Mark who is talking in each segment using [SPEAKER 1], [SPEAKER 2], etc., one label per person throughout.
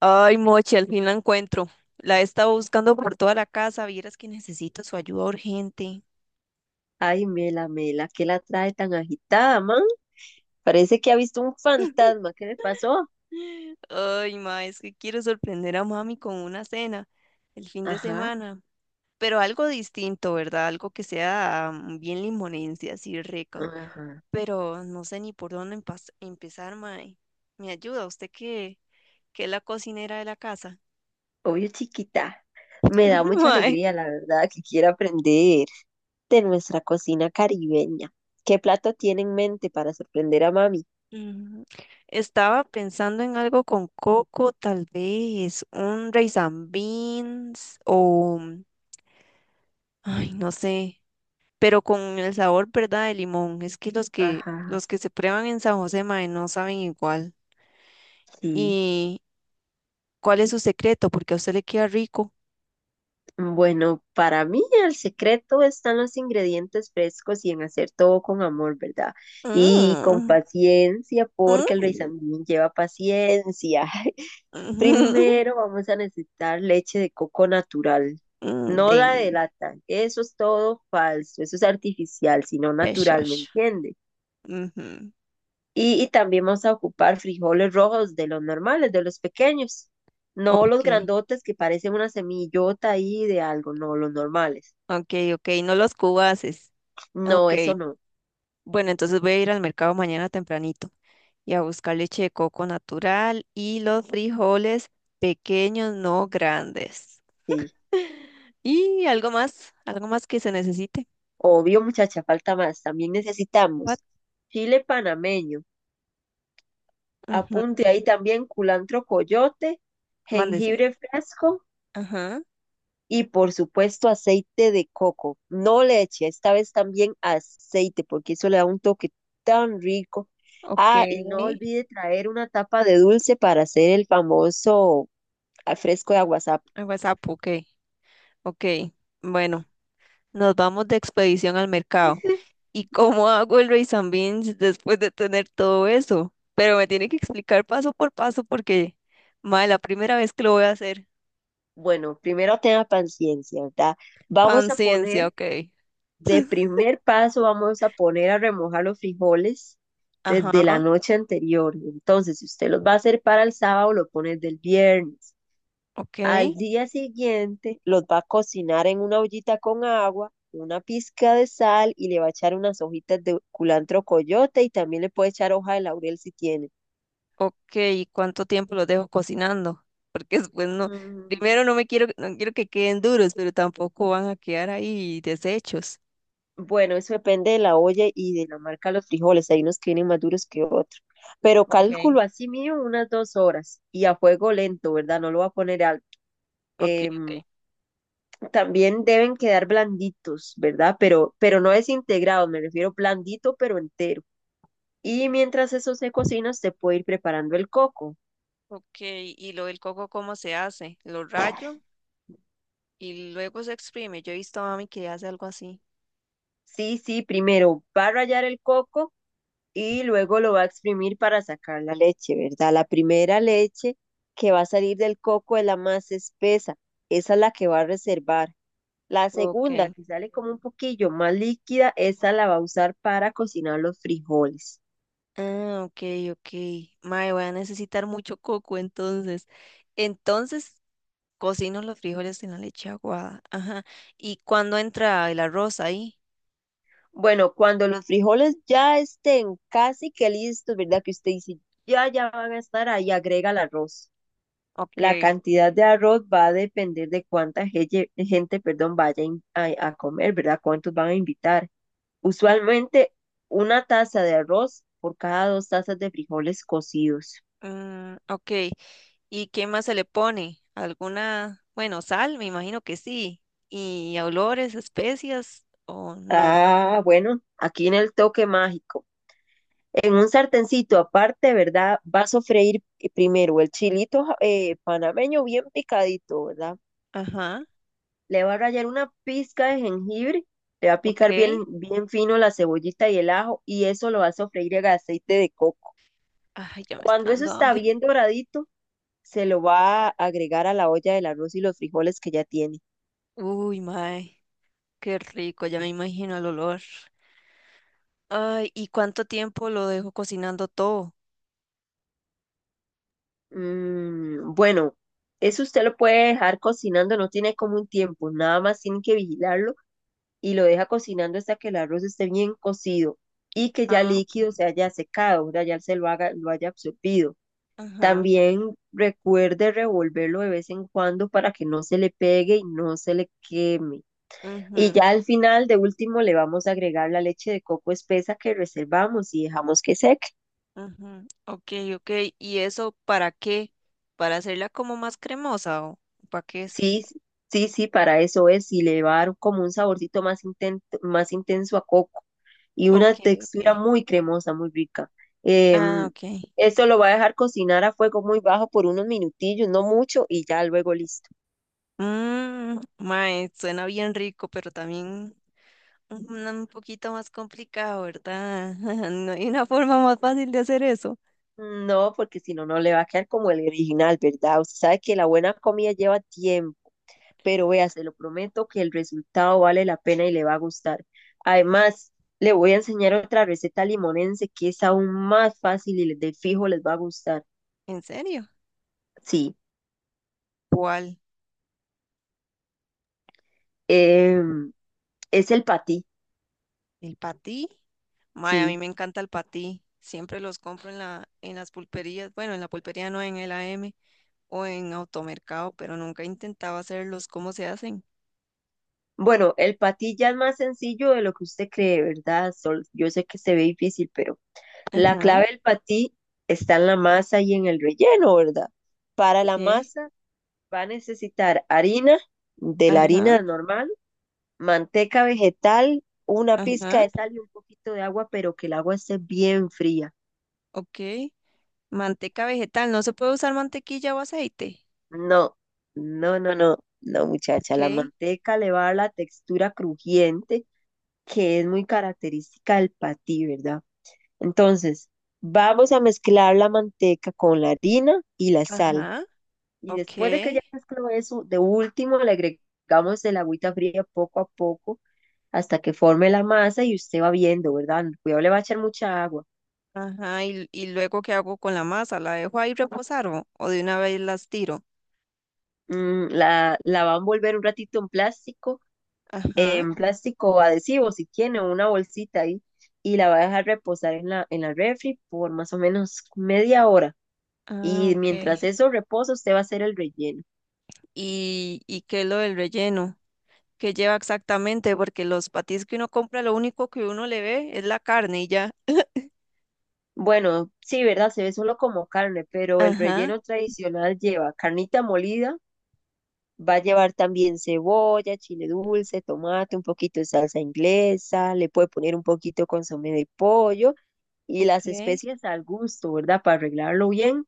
[SPEAKER 1] Ay, Mochi, al fin la encuentro. La he estado buscando por toda la casa. Vieras que necesito su ayuda urgente.
[SPEAKER 2] Ay, Mela, Mela, ¿qué la trae tan agitada, man? Parece que ha visto un fantasma. ¿Qué le pasó?
[SPEAKER 1] Ay, ma, es que quiero sorprender a mami con una cena el fin de
[SPEAKER 2] Ajá,
[SPEAKER 1] semana. Pero algo distinto, ¿verdad? Algo que sea bien limonense, así rico.
[SPEAKER 2] ajá.
[SPEAKER 1] Pero no sé ni por dónde empezar, ma. ¿Me ayuda usted que es la cocinera de la casa?
[SPEAKER 2] Obvio, chiquita. Me da mucha
[SPEAKER 1] Ma,
[SPEAKER 2] alegría, la verdad, que quiera aprender de nuestra cocina caribeña. ¿Qué plato tiene en mente para sorprender a mami?
[SPEAKER 1] ujú. Estaba pensando en algo con coco, tal vez un rice and beans o, ay, no sé, pero con el sabor, ¿verdad? De limón. Es que los que
[SPEAKER 2] Ajá,
[SPEAKER 1] los que se prueban en San José, mae, no saben igual.
[SPEAKER 2] sí.
[SPEAKER 1] ¿Y cuál es su secreto? Porque a usted le queda rico.
[SPEAKER 2] Bueno, para mí el secreto están los ingredientes frescos y en hacer todo con amor, ¿verdad? Y con
[SPEAKER 1] Mm,
[SPEAKER 2] paciencia,
[SPEAKER 1] mm,
[SPEAKER 2] porque el Luis
[SPEAKER 1] ujú,
[SPEAKER 2] lleva paciencia.
[SPEAKER 1] mm,
[SPEAKER 2] Primero vamos a necesitar leche de coco natural, no la
[SPEAKER 1] deli,
[SPEAKER 2] de lata. Eso es todo falso, eso es artificial, sino natural, ¿me
[SPEAKER 1] pechos.
[SPEAKER 2] entiende?
[SPEAKER 1] Ujú.
[SPEAKER 2] Y también vamos a ocupar frijoles rojos de los normales, de los pequeños, no los
[SPEAKER 1] Ok,
[SPEAKER 2] grandotes que parecen una semillota ahí de algo, no, los normales.
[SPEAKER 1] ok, ok, no los cubaces.
[SPEAKER 2] No,
[SPEAKER 1] Ok.
[SPEAKER 2] eso no,
[SPEAKER 1] Bueno, entonces voy a ir al mercado mañana tempranito y a buscar leche de coco natural y los frijoles pequeños, no grandes.
[SPEAKER 2] sí.
[SPEAKER 1] Y algo más que se necesite.
[SPEAKER 2] Obvio, muchacha, falta más. También necesitamos
[SPEAKER 1] What?
[SPEAKER 2] chile panameño,
[SPEAKER 1] Ujú,
[SPEAKER 2] apunte ahí también culantro coyote,
[SPEAKER 1] mándese.
[SPEAKER 2] jengibre fresco.
[SPEAKER 1] Ajá.
[SPEAKER 2] Y por supuesto aceite de coco, no leche, esta vez también aceite, porque eso le da un toque tan rico.
[SPEAKER 1] Ok.
[SPEAKER 2] Ah, y no olvide traer una tapa de dulce para hacer el famoso fresco de aguasap.
[SPEAKER 1] Ah, WhatsApp, ok. Ok. Bueno, nos vamos de expedición al mercado. ¿Y cómo hago el rice and beans después de tener todo eso? Pero me tiene que explicar paso por paso porque, madre, la primera vez que lo voy a hacer.
[SPEAKER 2] Bueno, primero tenga paciencia, ¿verdad? Vamos a
[SPEAKER 1] Panciencia,
[SPEAKER 2] poner,
[SPEAKER 1] ok.
[SPEAKER 2] de primer paso, vamos a poner a remojar los frijoles desde la
[SPEAKER 1] Ajá,
[SPEAKER 2] noche anterior. Entonces, si usted los va a hacer para el sábado, lo pone del viernes.
[SPEAKER 1] ok,
[SPEAKER 2] Al día siguiente los va a cocinar en una ollita con agua, una pizca de sal y le va a echar unas hojitas de culantro coyote y también le puede echar hoja de laurel si tiene.
[SPEAKER 1] ok. ¿Y cuánto tiempo los dejo cocinando? Porque después no,
[SPEAKER 2] Mm.
[SPEAKER 1] primero no quiero que queden duros, pero tampoco van a quedar ahí deshechos.
[SPEAKER 2] Bueno, eso depende de la olla y de la marca de los frijoles. Hay unos que vienen más duros que otros. Pero
[SPEAKER 1] Ok,
[SPEAKER 2] cálculo así mío unas 2 horas y a fuego lento, ¿verdad? No lo va a poner alto.
[SPEAKER 1] ok, ok.
[SPEAKER 2] Em, también deben quedar blanditos, ¿verdad? Pero no desintegrados, me refiero blandito pero entero. Y mientras eso se cocina, usted puede ir preparando el coco.
[SPEAKER 1] Ok, ¿y lo del coco cómo se hace? Lo rayo y luego se exprime. Yo he visto a mami que hace algo así.
[SPEAKER 2] Sí, sí, primero va a rallar el coco y luego lo va a exprimir para sacar la leche, ¿verdad? La primera leche que va a salir del coco es la más espesa, esa es la que va a reservar. La
[SPEAKER 1] Ok.
[SPEAKER 2] segunda, que sale como un poquillo más líquida, esa la va a usar para cocinar los frijoles.
[SPEAKER 1] Ah, ok, ok. Mae, voy a necesitar mucho coco entonces. Entonces, cocino los frijoles en la leche aguada. Ajá. ¿Y cuándo entra el arroz ahí?
[SPEAKER 2] Bueno, cuando los frijoles ya estén casi que listos, ¿verdad? Que usted dice, ya, ya van a estar ahí, agrega el arroz. La
[SPEAKER 1] Ok.
[SPEAKER 2] cantidad de arroz va a depender de gente, perdón, vaya a comer, ¿verdad? ¿Cuántos van a invitar? Usualmente una taza de arroz por cada 2 tazas de frijoles cocidos.
[SPEAKER 1] Mm, ok. ¿Y qué más se le pone? ¿Alguna, bueno, sal? Me imagino que sí. ¿Y olores, especias o no?
[SPEAKER 2] Ah, bueno, aquí en el toque mágico. En un sartencito aparte, ¿verdad? Vas a freír primero el panameño bien picadito, ¿verdad?
[SPEAKER 1] Ajá.
[SPEAKER 2] Le va a rallar una pizca de jengibre, le va a
[SPEAKER 1] Ok.
[SPEAKER 2] picar bien,
[SPEAKER 1] Ay,
[SPEAKER 2] bien fino la cebollita y el ajo y eso lo va a sofreír en aceite de coco.
[SPEAKER 1] ya me está
[SPEAKER 2] Cuando eso
[SPEAKER 1] dando
[SPEAKER 2] está
[SPEAKER 1] hambre.
[SPEAKER 2] bien doradito, se lo va a agregar a la olla del arroz y los frijoles que ya tiene.
[SPEAKER 1] Uy, mae. Qué rico, ya me imagino el olor. Ay, ¿y cuánto tiempo lo dejo cocinando todo?
[SPEAKER 2] Mm, bueno, eso usted lo puede dejar cocinando, no tiene como un tiempo, nada más tiene que vigilarlo y lo deja cocinando hasta que el arroz esté bien cocido y que ya el
[SPEAKER 1] Ah, ok.
[SPEAKER 2] líquido se haya secado, ¿verdad? Ya se lo haga, lo haya absorbido.
[SPEAKER 1] Ajá.
[SPEAKER 2] También recuerde revolverlo de vez en cuando para que no se le pegue y no se le queme. Y
[SPEAKER 1] Ujú.
[SPEAKER 2] ya al final, de último, le vamos a agregar la leche de coco espesa que reservamos y dejamos que seque.
[SPEAKER 1] Ujú, ok, ok. ¿Y eso para qué? ¿Para hacerla como más cremosa o para qué es?
[SPEAKER 2] Sí, s- sí, para eso es. Y le va a dar como un más intenso a coco y una
[SPEAKER 1] Ok,
[SPEAKER 2] textura
[SPEAKER 1] ok.
[SPEAKER 2] muy cremosa, muy rica.
[SPEAKER 1] Ah,
[SPEAKER 2] Em,
[SPEAKER 1] ok.
[SPEAKER 2] esto lo va a dejar cocinar a fuego muy bajo por unos minutillos, no mucho, y ya luego listo.
[SPEAKER 1] Mmm, mae, suena bien rico, pero también un poquito más complicado, ¿verdad? No hay una forma más fácil de hacer eso.
[SPEAKER 2] No, porque si no, no le va a quedar como el original, ¿verdad? Usted sabe que la buena comida lleva tiempo, pero vea, se lo prometo que el resultado vale la pena y le va a gustar. Además, le voy a enseñar otra receta limonense que es aún más fácil y de fijo les va a gustar.
[SPEAKER 1] ¿En serio?
[SPEAKER 2] Sí,
[SPEAKER 1] ¿Cuál?
[SPEAKER 2] em, es el patí,
[SPEAKER 1] ¿El patí? Mae, a mí
[SPEAKER 2] sí.
[SPEAKER 1] me encanta el patí. Siempre los compro en las pulperías. Bueno, en la pulpería no, en el AM o en automercado, pero nunca he intentado hacerlos. ¿Cómo se hacen?
[SPEAKER 2] Bueno, el patí ya es más sencillo de lo que usted cree, ¿verdad? Sol. Yo sé que se ve difícil, pero la
[SPEAKER 1] Ajá,
[SPEAKER 2] clave del patí está en la masa y en el relleno, ¿verdad? Para la
[SPEAKER 1] ok.
[SPEAKER 2] masa va a necesitar harina, de la
[SPEAKER 1] Ajá,
[SPEAKER 2] harina normal, manteca vegetal, una pizca
[SPEAKER 1] ajá,
[SPEAKER 2] de sal y un poquito de agua, pero que el agua esté bien fría.
[SPEAKER 1] ok. Manteca vegetal, no se puede usar mantequilla o aceite.
[SPEAKER 2] No, no, no, no, no, muchacha.
[SPEAKER 1] Ok,
[SPEAKER 2] La manteca le va a dar la textura crujiente que es muy característica del patí, ¿verdad? Entonces, vamos a mezclar la manteca con la harina y la sal.
[SPEAKER 1] ajá,
[SPEAKER 2] Y
[SPEAKER 1] ok,
[SPEAKER 2] después de que ya mezcló eso, de último le agregamos el agüita fría poco a poco hasta que forme la masa y usted va viendo, ¿verdad? Cuidado, le va a echar mucha agua.
[SPEAKER 1] ajá. ¿Y luego qué hago con la masa? ¿La dejo ahí reposar o de una vez las tiro?
[SPEAKER 2] Mm, la va a envolver un ratito
[SPEAKER 1] Ajá,
[SPEAKER 2] en plástico adhesivo, si tiene, o una bolsita ahí, y la va a dejar reposar en la refri por más o menos media hora.
[SPEAKER 1] ah,
[SPEAKER 2] Y
[SPEAKER 1] ok.
[SPEAKER 2] mientras eso reposa, usted va a hacer el relleno.
[SPEAKER 1] ¿Y qué es lo del relleno? ¿Qué lleva exactamente? Porque los patis que uno compra, lo único que uno le ve es la carne y ya.
[SPEAKER 2] Bueno, sí, ¿verdad? Se ve solo como carne, pero el
[SPEAKER 1] Ajá,
[SPEAKER 2] relleno tradicional lleva carnita molida. Va a llevar también cebolla, chile dulce, tomate, un poquito de salsa inglesa, le puede poner un poquito de consomé de pollo y las
[SPEAKER 1] ok,
[SPEAKER 2] especias al gusto, ¿verdad? Para arreglarlo bien.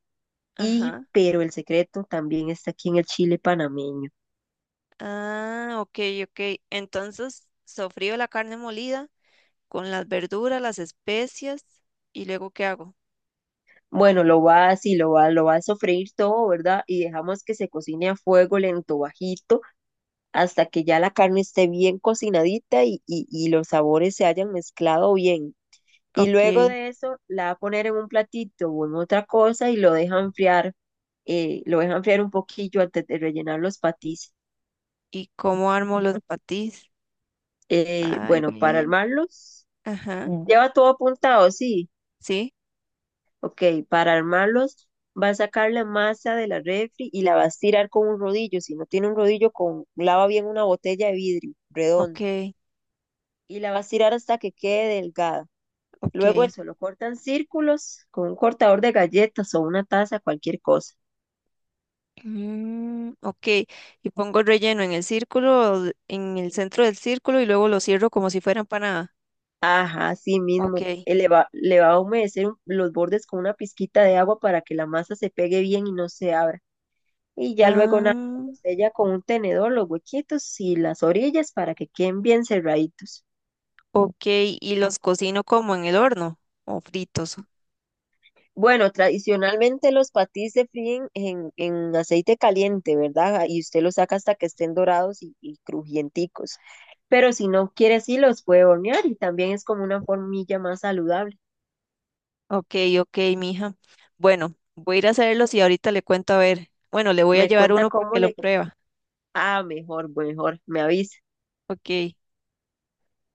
[SPEAKER 2] Y,
[SPEAKER 1] ajá.
[SPEAKER 2] pero el secreto también está aquí en el chile panameño.
[SPEAKER 1] Ah, ok, ok. Entonces, sofrío la carne molida con las verduras, las especias y luego ¿qué hago?
[SPEAKER 2] Bueno, lo va así, lo va a sofreír todo, ¿verdad? Y dejamos que se cocine a fuego lento, bajito, hasta que ya la carne esté bien cocinadita y los sabores se hayan mezclado bien. Y luego
[SPEAKER 1] Ok.
[SPEAKER 2] de eso la va a poner en un platito o en otra cosa y lo deja enfriar un poquillo antes de rellenar los patis.
[SPEAKER 1] ¿Y cómo armo los patís? Ay,
[SPEAKER 2] Bueno, para
[SPEAKER 1] güey.
[SPEAKER 2] armarlos,
[SPEAKER 1] Ajá.
[SPEAKER 2] lleva todo apuntado, sí.
[SPEAKER 1] Sí.
[SPEAKER 2] Ok, para armarlos va a sacar la masa de la refri y la va a estirar con un rodillo. Si no tiene un rodillo, con, lava bien una botella de vidrio
[SPEAKER 1] Ok,
[SPEAKER 2] redonda y la va a estirar hasta que quede delgada.
[SPEAKER 1] ok.
[SPEAKER 2] Luego eso lo cortan círculos con un cortador de galletas o una taza, cualquier cosa.
[SPEAKER 1] Mm, ok. Y pongo el relleno en el círculo, en el centro del círculo y luego lo cierro como si fuera empanada.
[SPEAKER 2] Ajá, sí
[SPEAKER 1] Ok.
[SPEAKER 2] mismo. Le va a los bordes con una pizquita de agua para que la masa se pegue bien y no se abra. Y ya luego nada,
[SPEAKER 1] Ah,
[SPEAKER 2] lo sella con un tenedor los huequitos y las orillas para que queden bien cerraditos.
[SPEAKER 1] ok. ¿Y los cocino como en el horno o fritos?
[SPEAKER 2] Bueno, tradicionalmente los patís se fríen en aceite caliente, ¿verdad? Y usted los saca hasta que estén dorados y crujienticos. Pero si no quiere, sí los puede hornear y también es como una formilla más saludable.
[SPEAKER 1] Ok, ok, mija. Bueno, voy a ir a hacerlos y ahorita le cuento a ver. Bueno, le voy a
[SPEAKER 2] Me
[SPEAKER 1] llevar
[SPEAKER 2] cuenta
[SPEAKER 1] uno para
[SPEAKER 2] cómo
[SPEAKER 1] que lo
[SPEAKER 2] le...
[SPEAKER 1] prueba.
[SPEAKER 2] Ah, mejor, mejor, me avisa.
[SPEAKER 1] Ok,